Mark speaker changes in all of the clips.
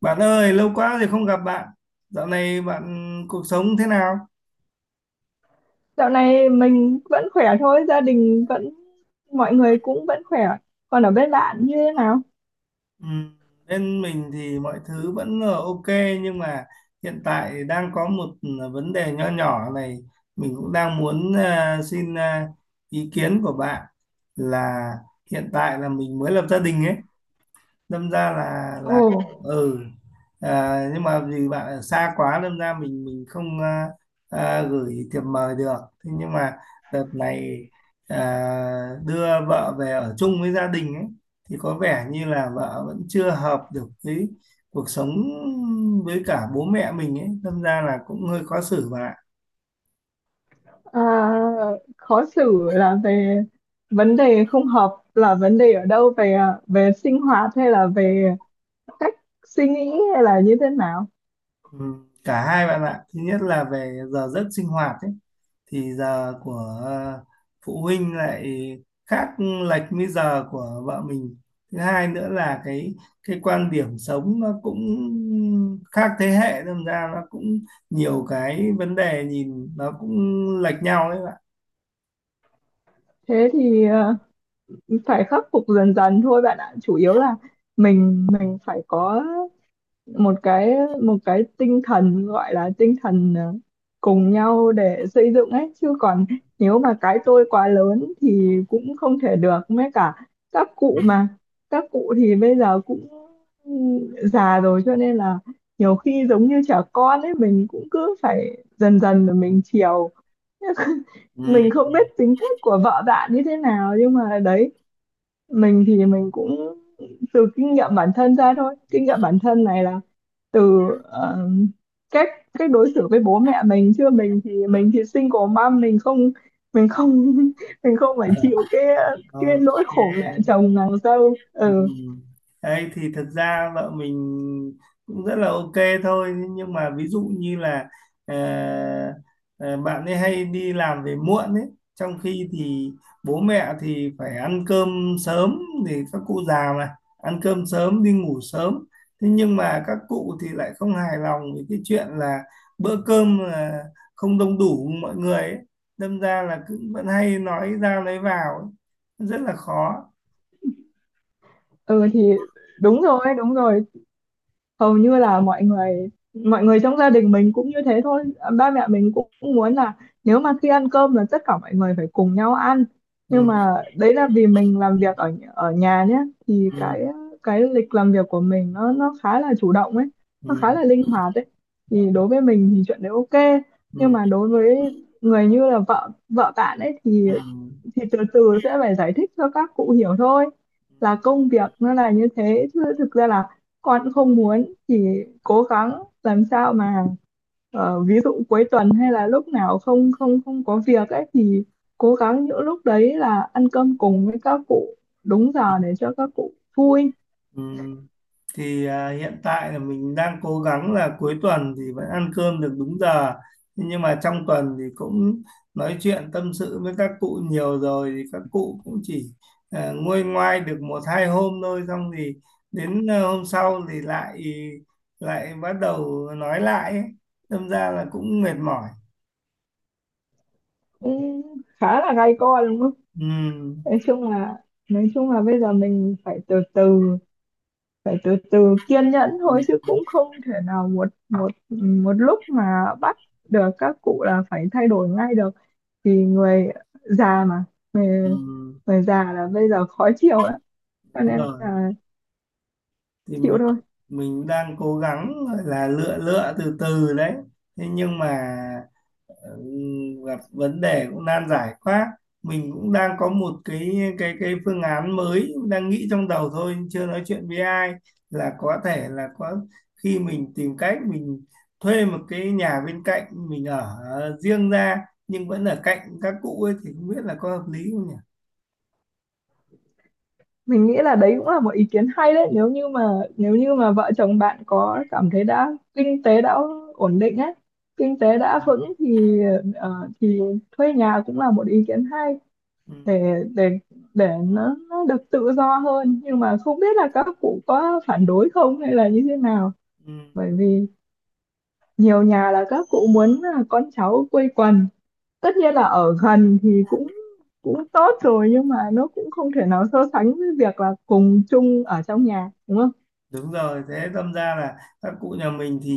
Speaker 1: Bạn ơi, lâu quá rồi không gặp bạn. Dạo này bạn cuộc sống thế nào?
Speaker 2: Dạo này mình vẫn khỏe thôi, gia đình vẫn, mọi người cũng vẫn khỏe. Còn ở bên bạn như thế nào?
Speaker 1: Ừ, bên mình thì mọi thứ vẫn ok nhưng mà hiện tại đang có một vấn đề nho nhỏ này. Mình cũng đang muốn xin ý kiến của bạn là hiện tại là mình mới lập gia đình ấy, đâm ra là
Speaker 2: Ồ.
Speaker 1: là ừ nhưng mà vì bạn ở xa quá đâm ra mình không gửi thiệp mời được. Thế nhưng mà đợt này đưa vợ về ở chung với gia đình ấy thì có vẻ như là vợ vẫn chưa hợp được với cuộc sống, với cả bố mẹ mình ấy, đâm ra là cũng hơi khó xử bạn ạ.
Speaker 2: à, Khó xử là về vấn đề không hợp, là vấn đề ở đâu, về sinh hoạt hay là về cách suy nghĩ hay là như thế nào?
Speaker 1: Ừ, cả hai bạn ạ, thứ nhất là về giờ giấc sinh hoạt ấy, thì giờ của ờ, phụ huynh lại khác lệch với giờ của vợ mình. Thứ hai nữa là cái quan điểm sống nó cũng khác thế hệ, đâm ra nó cũng nhiều cái vấn đề nhìn nó cũng lệch nhau đấy bạn.
Speaker 2: Thế thì phải khắc phục dần dần thôi bạn ạ. Chủ yếu là mình phải có một cái tinh thần, gọi là tinh thần cùng nhau để xây dựng ấy, chứ còn nếu mà cái tôi quá lớn thì cũng không thể được mấy, cả các cụ mà, các cụ thì bây giờ cũng già rồi, cho nên là nhiều khi giống như trẻ con ấy, mình cũng cứ phải dần dần mà mình chiều.
Speaker 1: Ừ.
Speaker 2: Mình không biết tính cách của vợ bạn như thế nào, nhưng mà đấy, mình thì mình cũng từ kinh nghiệm bản thân ra thôi. Kinh nghiệm bản thân này là từ cách cách đối xử với bố mẹ mình, chứ mình thì single mom, mình không mình không phải chịu cái nỗi khổ mẹ
Speaker 1: Ok.
Speaker 2: chồng nàng dâu.
Speaker 1: Ừ.
Speaker 2: Ừ,
Speaker 1: Đấy, thì thật ra vợ mình cũng rất là ok thôi, nhưng mà ví dụ như là ờ, ờ, bạn ấy hay đi làm về muộn ấy, trong khi thì bố mẹ thì phải ăn cơm sớm, thì các cụ già mà, ăn cơm sớm đi ngủ sớm, thế nhưng mà các cụ thì lại không hài lòng với cái chuyện là bữa cơm là không đông đủ mọi người ấy. Đâm ra là cứ vẫn hay nói ra lấy vào ấy, rất là khó.
Speaker 2: ừ thì đúng rồi, đúng rồi. Hầu như là mọi người, trong gia đình mình cũng như thế thôi. Ba mẹ mình cũng muốn là nếu mà khi ăn cơm là tất cả mọi người phải cùng nhau ăn,
Speaker 1: Ừ.
Speaker 2: nhưng mà đấy là vì mình làm việc ở ở nhà nhé. Thì
Speaker 1: Ừ.
Speaker 2: cái lịch làm việc của mình nó khá là chủ động ấy, nó
Speaker 1: Ừ.
Speaker 2: khá là linh hoạt ấy, thì đối với mình thì chuyện đấy ok. Nhưng
Speaker 1: Ừ.
Speaker 2: mà đối với người như là vợ vợ bạn ấy thì
Speaker 1: Ừ.
Speaker 2: từ từ sẽ phải giải thích cho các cụ hiểu thôi,
Speaker 1: Ừ.
Speaker 2: là công việc nó là như thế, chứ thực ra là con cũng không muốn, chỉ cố gắng làm sao mà ví dụ cuối tuần hay là lúc nào không không không có việc ấy thì cố gắng những lúc đấy là ăn cơm cùng với các cụ đúng giờ để cho các cụ vui.
Speaker 1: Ừ. Thì hiện tại là mình đang cố gắng là cuối tuần thì vẫn ăn cơm được đúng giờ. Thế nhưng mà trong tuần thì cũng nói chuyện tâm sự với các cụ nhiều rồi, thì các cụ cũng chỉ nguôi ngoai được một hai hôm thôi, xong thì đến hôm sau thì lại lại bắt đầu nói lại ấy. Đâm ra là cũng mệt mỏi.
Speaker 2: Cũng khá là gay go đúng không.
Speaker 1: Ừ.
Speaker 2: Nói chung là nói chung là bây giờ mình phải từ từ kiên nhẫn
Speaker 1: Ừ.
Speaker 2: thôi, chứ cũng không thể nào một một một lúc mà bắt được các cụ là phải thay đổi ngay được. Thì người già mà,
Speaker 1: Ừ.
Speaker 2: người, người già là bây giờ khó chịu lắm, cho
Speaker 1: Đúng
Speaker 2: nên
Speaker 1: rồi,
Speaker 2: là
Speaker 1: thì
Speaker 2: chịu
Speaker 1: mình
Speaker 2: thôi.
Speaker 1: mình đang cố gắng gọi là lựa lựa từ từ đấy, thế nhưng mà gặp vấn đề cũng nan giải quá. Mình cũng đang có một cái phương án mới đang nghĩ trong đầu thôi, chưa nói chuyện với ai, là có thể là có khi mình tìm cách mình thuê một cái nhà bên cạnh mình ở riêng ra, nhưng vẫn ở cạnh các cụ ấy, thì không biết là có hợp lý không nhỉ?
Speaker 2: Mình nghĩ là đấy cũng là một ý kiến hay đấy, nếu như mà vợ chồng bạn có cảm thấy đã kinh tế đã ổn định ấy, kinh tế đã vững thì ờ, thì thuê nhà cũng là một ý kiến hay.
Speaker 1: Ừ.
Speaker 2: Để nó được tự do hơn, nhưng mà không biết là các cụ có phản đối không hay là như thế nào.
Speaker 1: Ừ.
Speaker 2: Bởi vì nhiều nhà là các cụ muốn là con cháu quây quần, tất nhiên là ở gần thì cũng cũng tốt rồi, nhưng mà nó cũng không thể nào so sánh với việc là cùng chung ở trong nhà đúng không.
Speaker 1: Đúng rồi, thế đâm ra là các cụ nhà mình thì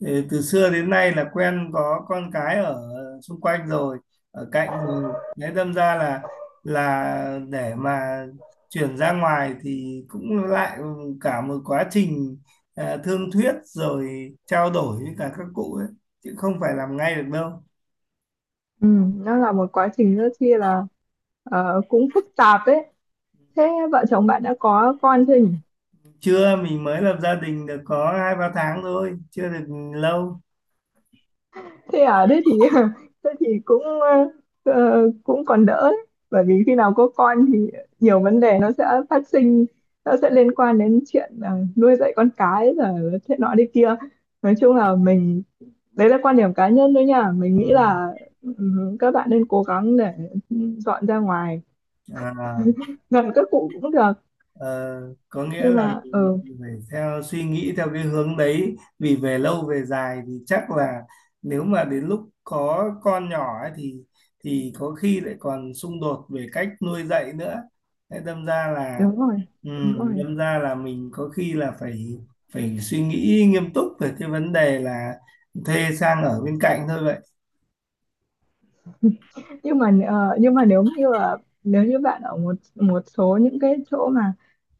Speaker 1: từ xưa đến nay là quen có con cái ở xung quanh rồi, ở cạnh rồi. Thế đâm ra là để mà chuyển ra ngoài thì cũng lại cả một quá trình thương thuyết rồi trao đổi với cả các cụ ấy, chứ không phải làm ngay được đâu.
Speaker 2: Ừ, nó là một quá trình rất chi là cũng phức tạp đấy. Thế vợ chồng bạn đã có con chưa nhỉ?
Speaker 1: Chưa, mình mới lập gia đình được có hai ba tháng thôi, chưa được lâu.
Speaker 2: Thế à, thế thì thế thì cũng còn đỡ đấy. Bởi vì khi nào có con thì nhiều vấn đề nó sẽ phát sinh, nó sẽ liên quan đến chuyện nuôi dạy con cái rồi thế nọ đi kia. Nói chung là mình, đấy là quan điểm cá nhân thôi nha, mình
Speaker 1: Ừ.
Speaker 2: nghĩ là ừ, các bạn nên cố gắng để dọn ra ngoài,
Speaker 1: À.
Speaker 2: gần các cụ cũng được,
Speaker 1: Ờ, có nghĩa
Speaker 2: nhưng
Speaker 1: là
Speaker 2: mà
Speaker 1: mình phải theo suy nghĩ theo cái hướng đấy, vì về lâu về dài thì chắc là nếu mà đến lúc có con nhỏ ấy thì có khi lại còn xung đột về cách nuôi dạy nữa. Thế
Speaker 2: đúng rồi, đúng rồi.
Speaker 1: đâm ra là mình có khi là phải phải suy nghĩ nghiêm túc về cái vấn đề là thuê sang ở bên cạnh thôi vậy.
Speaker 2: Nhưng mà nếu như bạn ở một một số những cái chỗ mà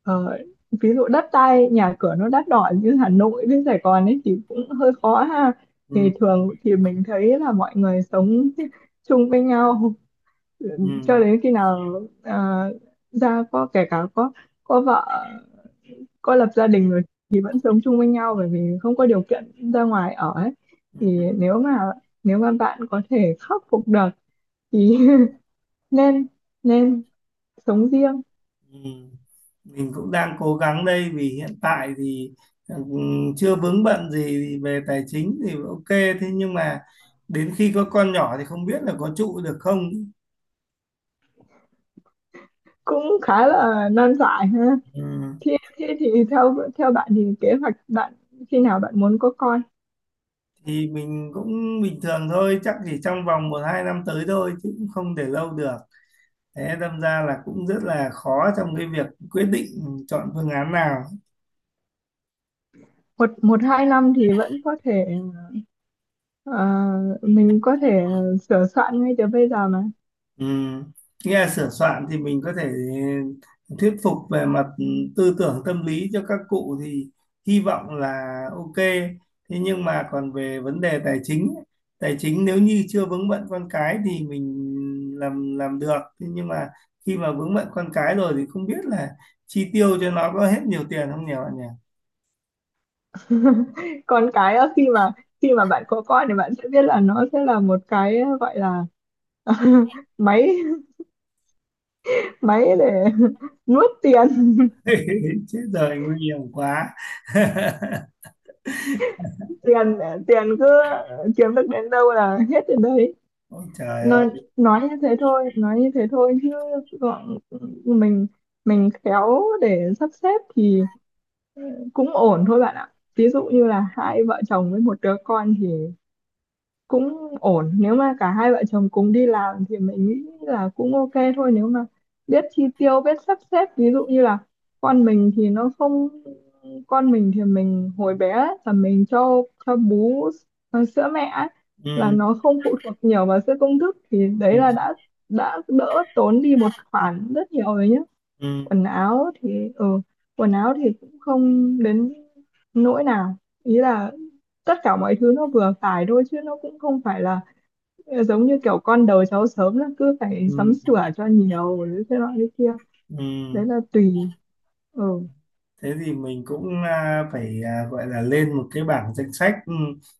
Speaker 2: ờ, ví dụ đất đai nhà cửa nó đắt đỏ như Hà Nội với Sài Gòn ấy thì cũng hơi khó ha. Thì
Speaker 1: Ừm.
Speaker 2: thường thì mình thấy là mọi người sống chung với nhau cho
Speaker 1: Ừm.
Speaker 2: đến khi nào ra, có, kể cả có vợ, có lập gia đình rồi thì vẫn sống chung với nhau, bởi vì không có điều kiện ra ngoài ở ấy. Thì
Speaker 1: Ừm.
Speaker 2: nếu mà bạn có thể khắc phục được thì nên nên sống riêng.
Speaker 1: Ừ. Mình cũng đang cố gắng đây, vì hiện tại thì ừ, chưa vướng bận gì về tài chính thì ok, thế nhưng mà đến khi có con nhỏ thì không biết là có trụ được không.
Speaker 2: Cũng khá là nan giải ha.
Speaker 1: Ừ.
Speaker 2: Thế thì theo theo bạn thì kế hoạch bạn, khi nào bạn muốn có con.
Speaker 1: Thì mình cũng bình thường thôi, chắc chỉ trong vòng một hai năm tới thôi chứ cũng không để lâu được. Thế đâm ra là cũng rất là khó trong cái việc quyết định chọn phương án nào.
Speaker 2: Một Một hai năm thì vẫn có thể ờ, mình có thể sửa soạn ngay từ bây giờ mà.
Speaker 1: Ừ. Nghe là sửa soạn thì mình có thể thuyết phục về mặt tư tưởng tâm lý cho các cụ thì hy vọng là ok. Thế nhưng mà còn về vấn đề tài chính ấy, tài chính nếu như chưa vướng bận con cái thì mình làm được. Thế nhưng mà khi mà vướng bận con cái rồi thì không biết là chi tiêu cho nó có hết nhiều tiền không nhỉ bạn nhỉ?
Speaker 2: Còn cái á, khi mà bạn có con thì bạn sẽ biết là nó sẽ là một cái gọi là máy máy để nuốt tiền.
Speaker 1: Chết rồi nguy hiểm quá.
Speaker 2: tiền tiền cứ kiếm được đến đâu là hết đến đấy.
Speaker 1: Ôi trời ơi.
Speaker 2: nói nói như thế thôi, chứ, gọn mình mình khéo để sắp xếp thì cũng ổn thôi bạn ạ. Ví dụ như là hai vợ chồng với một đứa con thì cũng ổn, nếu mà cả hai vợ chồng cùng đi làm thì mình nghĩ là cũng ok thôi, nếu mà biết chi tiêu, biết sắp xếp. Ví dụ như là con mình thì nó không con mình thì mình hồi bé ấy, là mình cho bú sữa mẹ ấy, là
Speaker 1: Ừ.
Speaker 2: nó không phụ thuộc nhiều vào sữa công thức, thì
Speaker 1: Ừ.
Speaker 2: đấy là đã đỡ tốn đi một khoản rất nhiều rồi nhé.
Speaker 1: Ừ.
Speaker 2: Quần áo thì ừ quần áo thì cũng không đến nỗi nào. Ý là tất cả mọi thứ nó vừa phải thôi, chứ nó cũng không phải là giống như kiểu con đầu cháu sớm là cứ phải
Speaker 1: Ừ.
Speaker 2: sắm sửa cho nhiều rồi thế nọ thế kia.
Speaker 1: Ừ.
Speaker 2: Đấy là tùy. ừ
Speaker 1: Thế thì mình cũng phải gọi là lên một cái bảng danh sách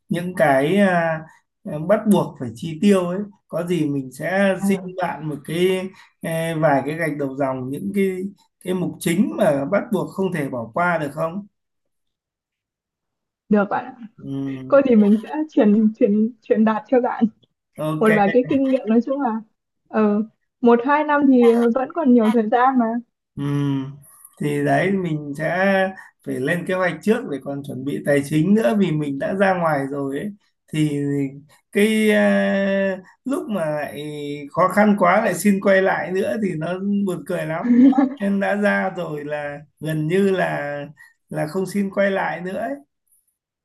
Speaker 1: những cái bắt buộc phải chi tiêu ấy, có gì mình sẽ
Speaker 2: Ờ,
Speaker 1: xin bạn một cái vài cái gạch đầu dòng, những cái mục chính mà bắt buộc không thể bỏ qua được không?
Speaker 2: Được bạn ạ.
Speaker 1: Ừ,
Speaker 2: Cô thì mình sẽ truyền truyền truyền đạt cho bạn
Speaker 1: ok.
Speaker 2: một vài cái kinh nghiệm. Nói chung là ừ, một hai năm thì vẫn còn nhiều thời gian mà.
Speaker 1: Ừ. Thì đấy mình sẽ phải lên kế hoạch trước để còn chuẩn bị tài chính nữa, vì mình đã ra ngoài rồi ấy, thì cái lúc mà lại khó khăn quá lại xin quay lại nữa thì nó buồn cười lắm, nên đã ra rồi là gần như là không xin quay lại nữa,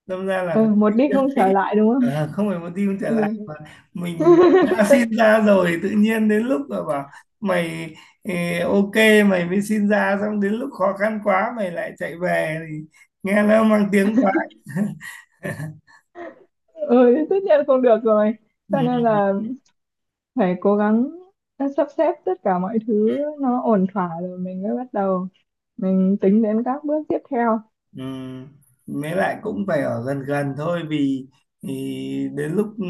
Speaker 1: đâm ra là phải
Speaker 2: Ừ, Một
Speaker 1: tính
Speaker 2: đi
Speaker 1: được
Speaker 2: không trở
Speaker 1: kỹ.
Speaker 2: lại đúng không.
Speaker 1: Ờ, không phải một team trở lại mà
Speaker 2: Ừ.
Speaker 1: mình đã xin ra rồi tự nhiên đến lúc mà bảo mày ok, mày mới xin ra xong đến lúc khó khăn quá mày lại chạy về thì nghe nó mang tiếng quá.
Speaker 2: Ừ, tất nhiên không được rồi,
Speaker 1: Ừ.
Speaker 2: cho nên là phải cố gắng sắp xếp tất cả mọi thứ nó ổn thỏa rồi mình mới bắt đầu, mình tính đến các bước tiếp theo.
Speaker 1: Ừ. Mới lại cũng phải ở gần gần thôi, vì thì đến lúc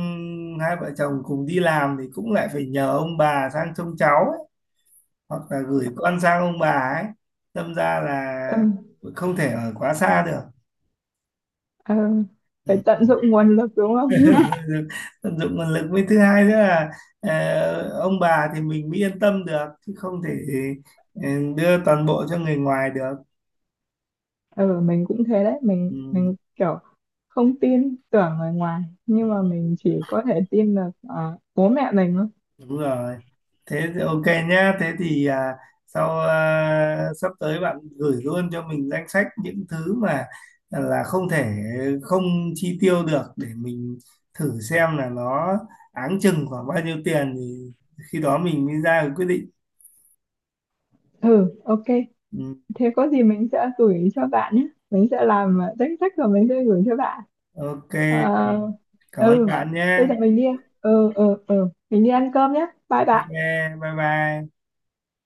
Speaker 1: hai vợ chồng cùng đi làm thì cũng lại phải nhờ ông bà sang trông cháu ấy, hoặc là gửi con sang ông bà ấy, đâm ra là
Speaker 2: Ừ,
Speaker 1: không thể ở quá xa được.
Speaker 2: ừ.
Speaker 1: Ừ.
Speaker 2: Phải tận dụng nguồn lực đúng không.
Speaker 1: Tận dụng nguồn lực với thứ hai nữa là ông bà thì mình mới yên tâm được, chứ không thể ờ, đưa toàn bộ cho người ngoài được.
Speaker 2: Ừ, mình cũng thế đấy. mình
Speaker 1: Ừ,
Speaker 2: mình kiểu không tin tưởng người ngoài, nhưng mà mình chỉ có thể tin được bố mẹ mình thôi.
Speaker 1: đúng rồi, thế thì ok nhá, thế thì sau sắp tới bạn gửi luôn cho mình danh sách những thứ mà là không thể không chi tiêu được, để mình thử xem là nó áng chừng khoảng bao nhiêu tiền, thì khi đó mình mới ra được quyết định.
Speaker 2: Ừ, ok,
Speaker 1: Ừ,
Speaker 2: thế có gì mình sẽ gửi cho bạn nhé, mình sẽ làm danh sách rồi mình sẽ gửi cho bạn.
Speaker 1: ok.
Speaker 2: Ờ,
Speaker 1: Cảm ơn
Speaker 2: ừ,
Speaker 1: bạn
Speaker 2: bây
Speaker 1: nhé.
Speaker 2: giờ mình đi ừ ừ ừ mình đi ăn cơm nhé. Bye
Speaker 1: Ok,
Speaker 2: bye.
Speaker 1: bye bye.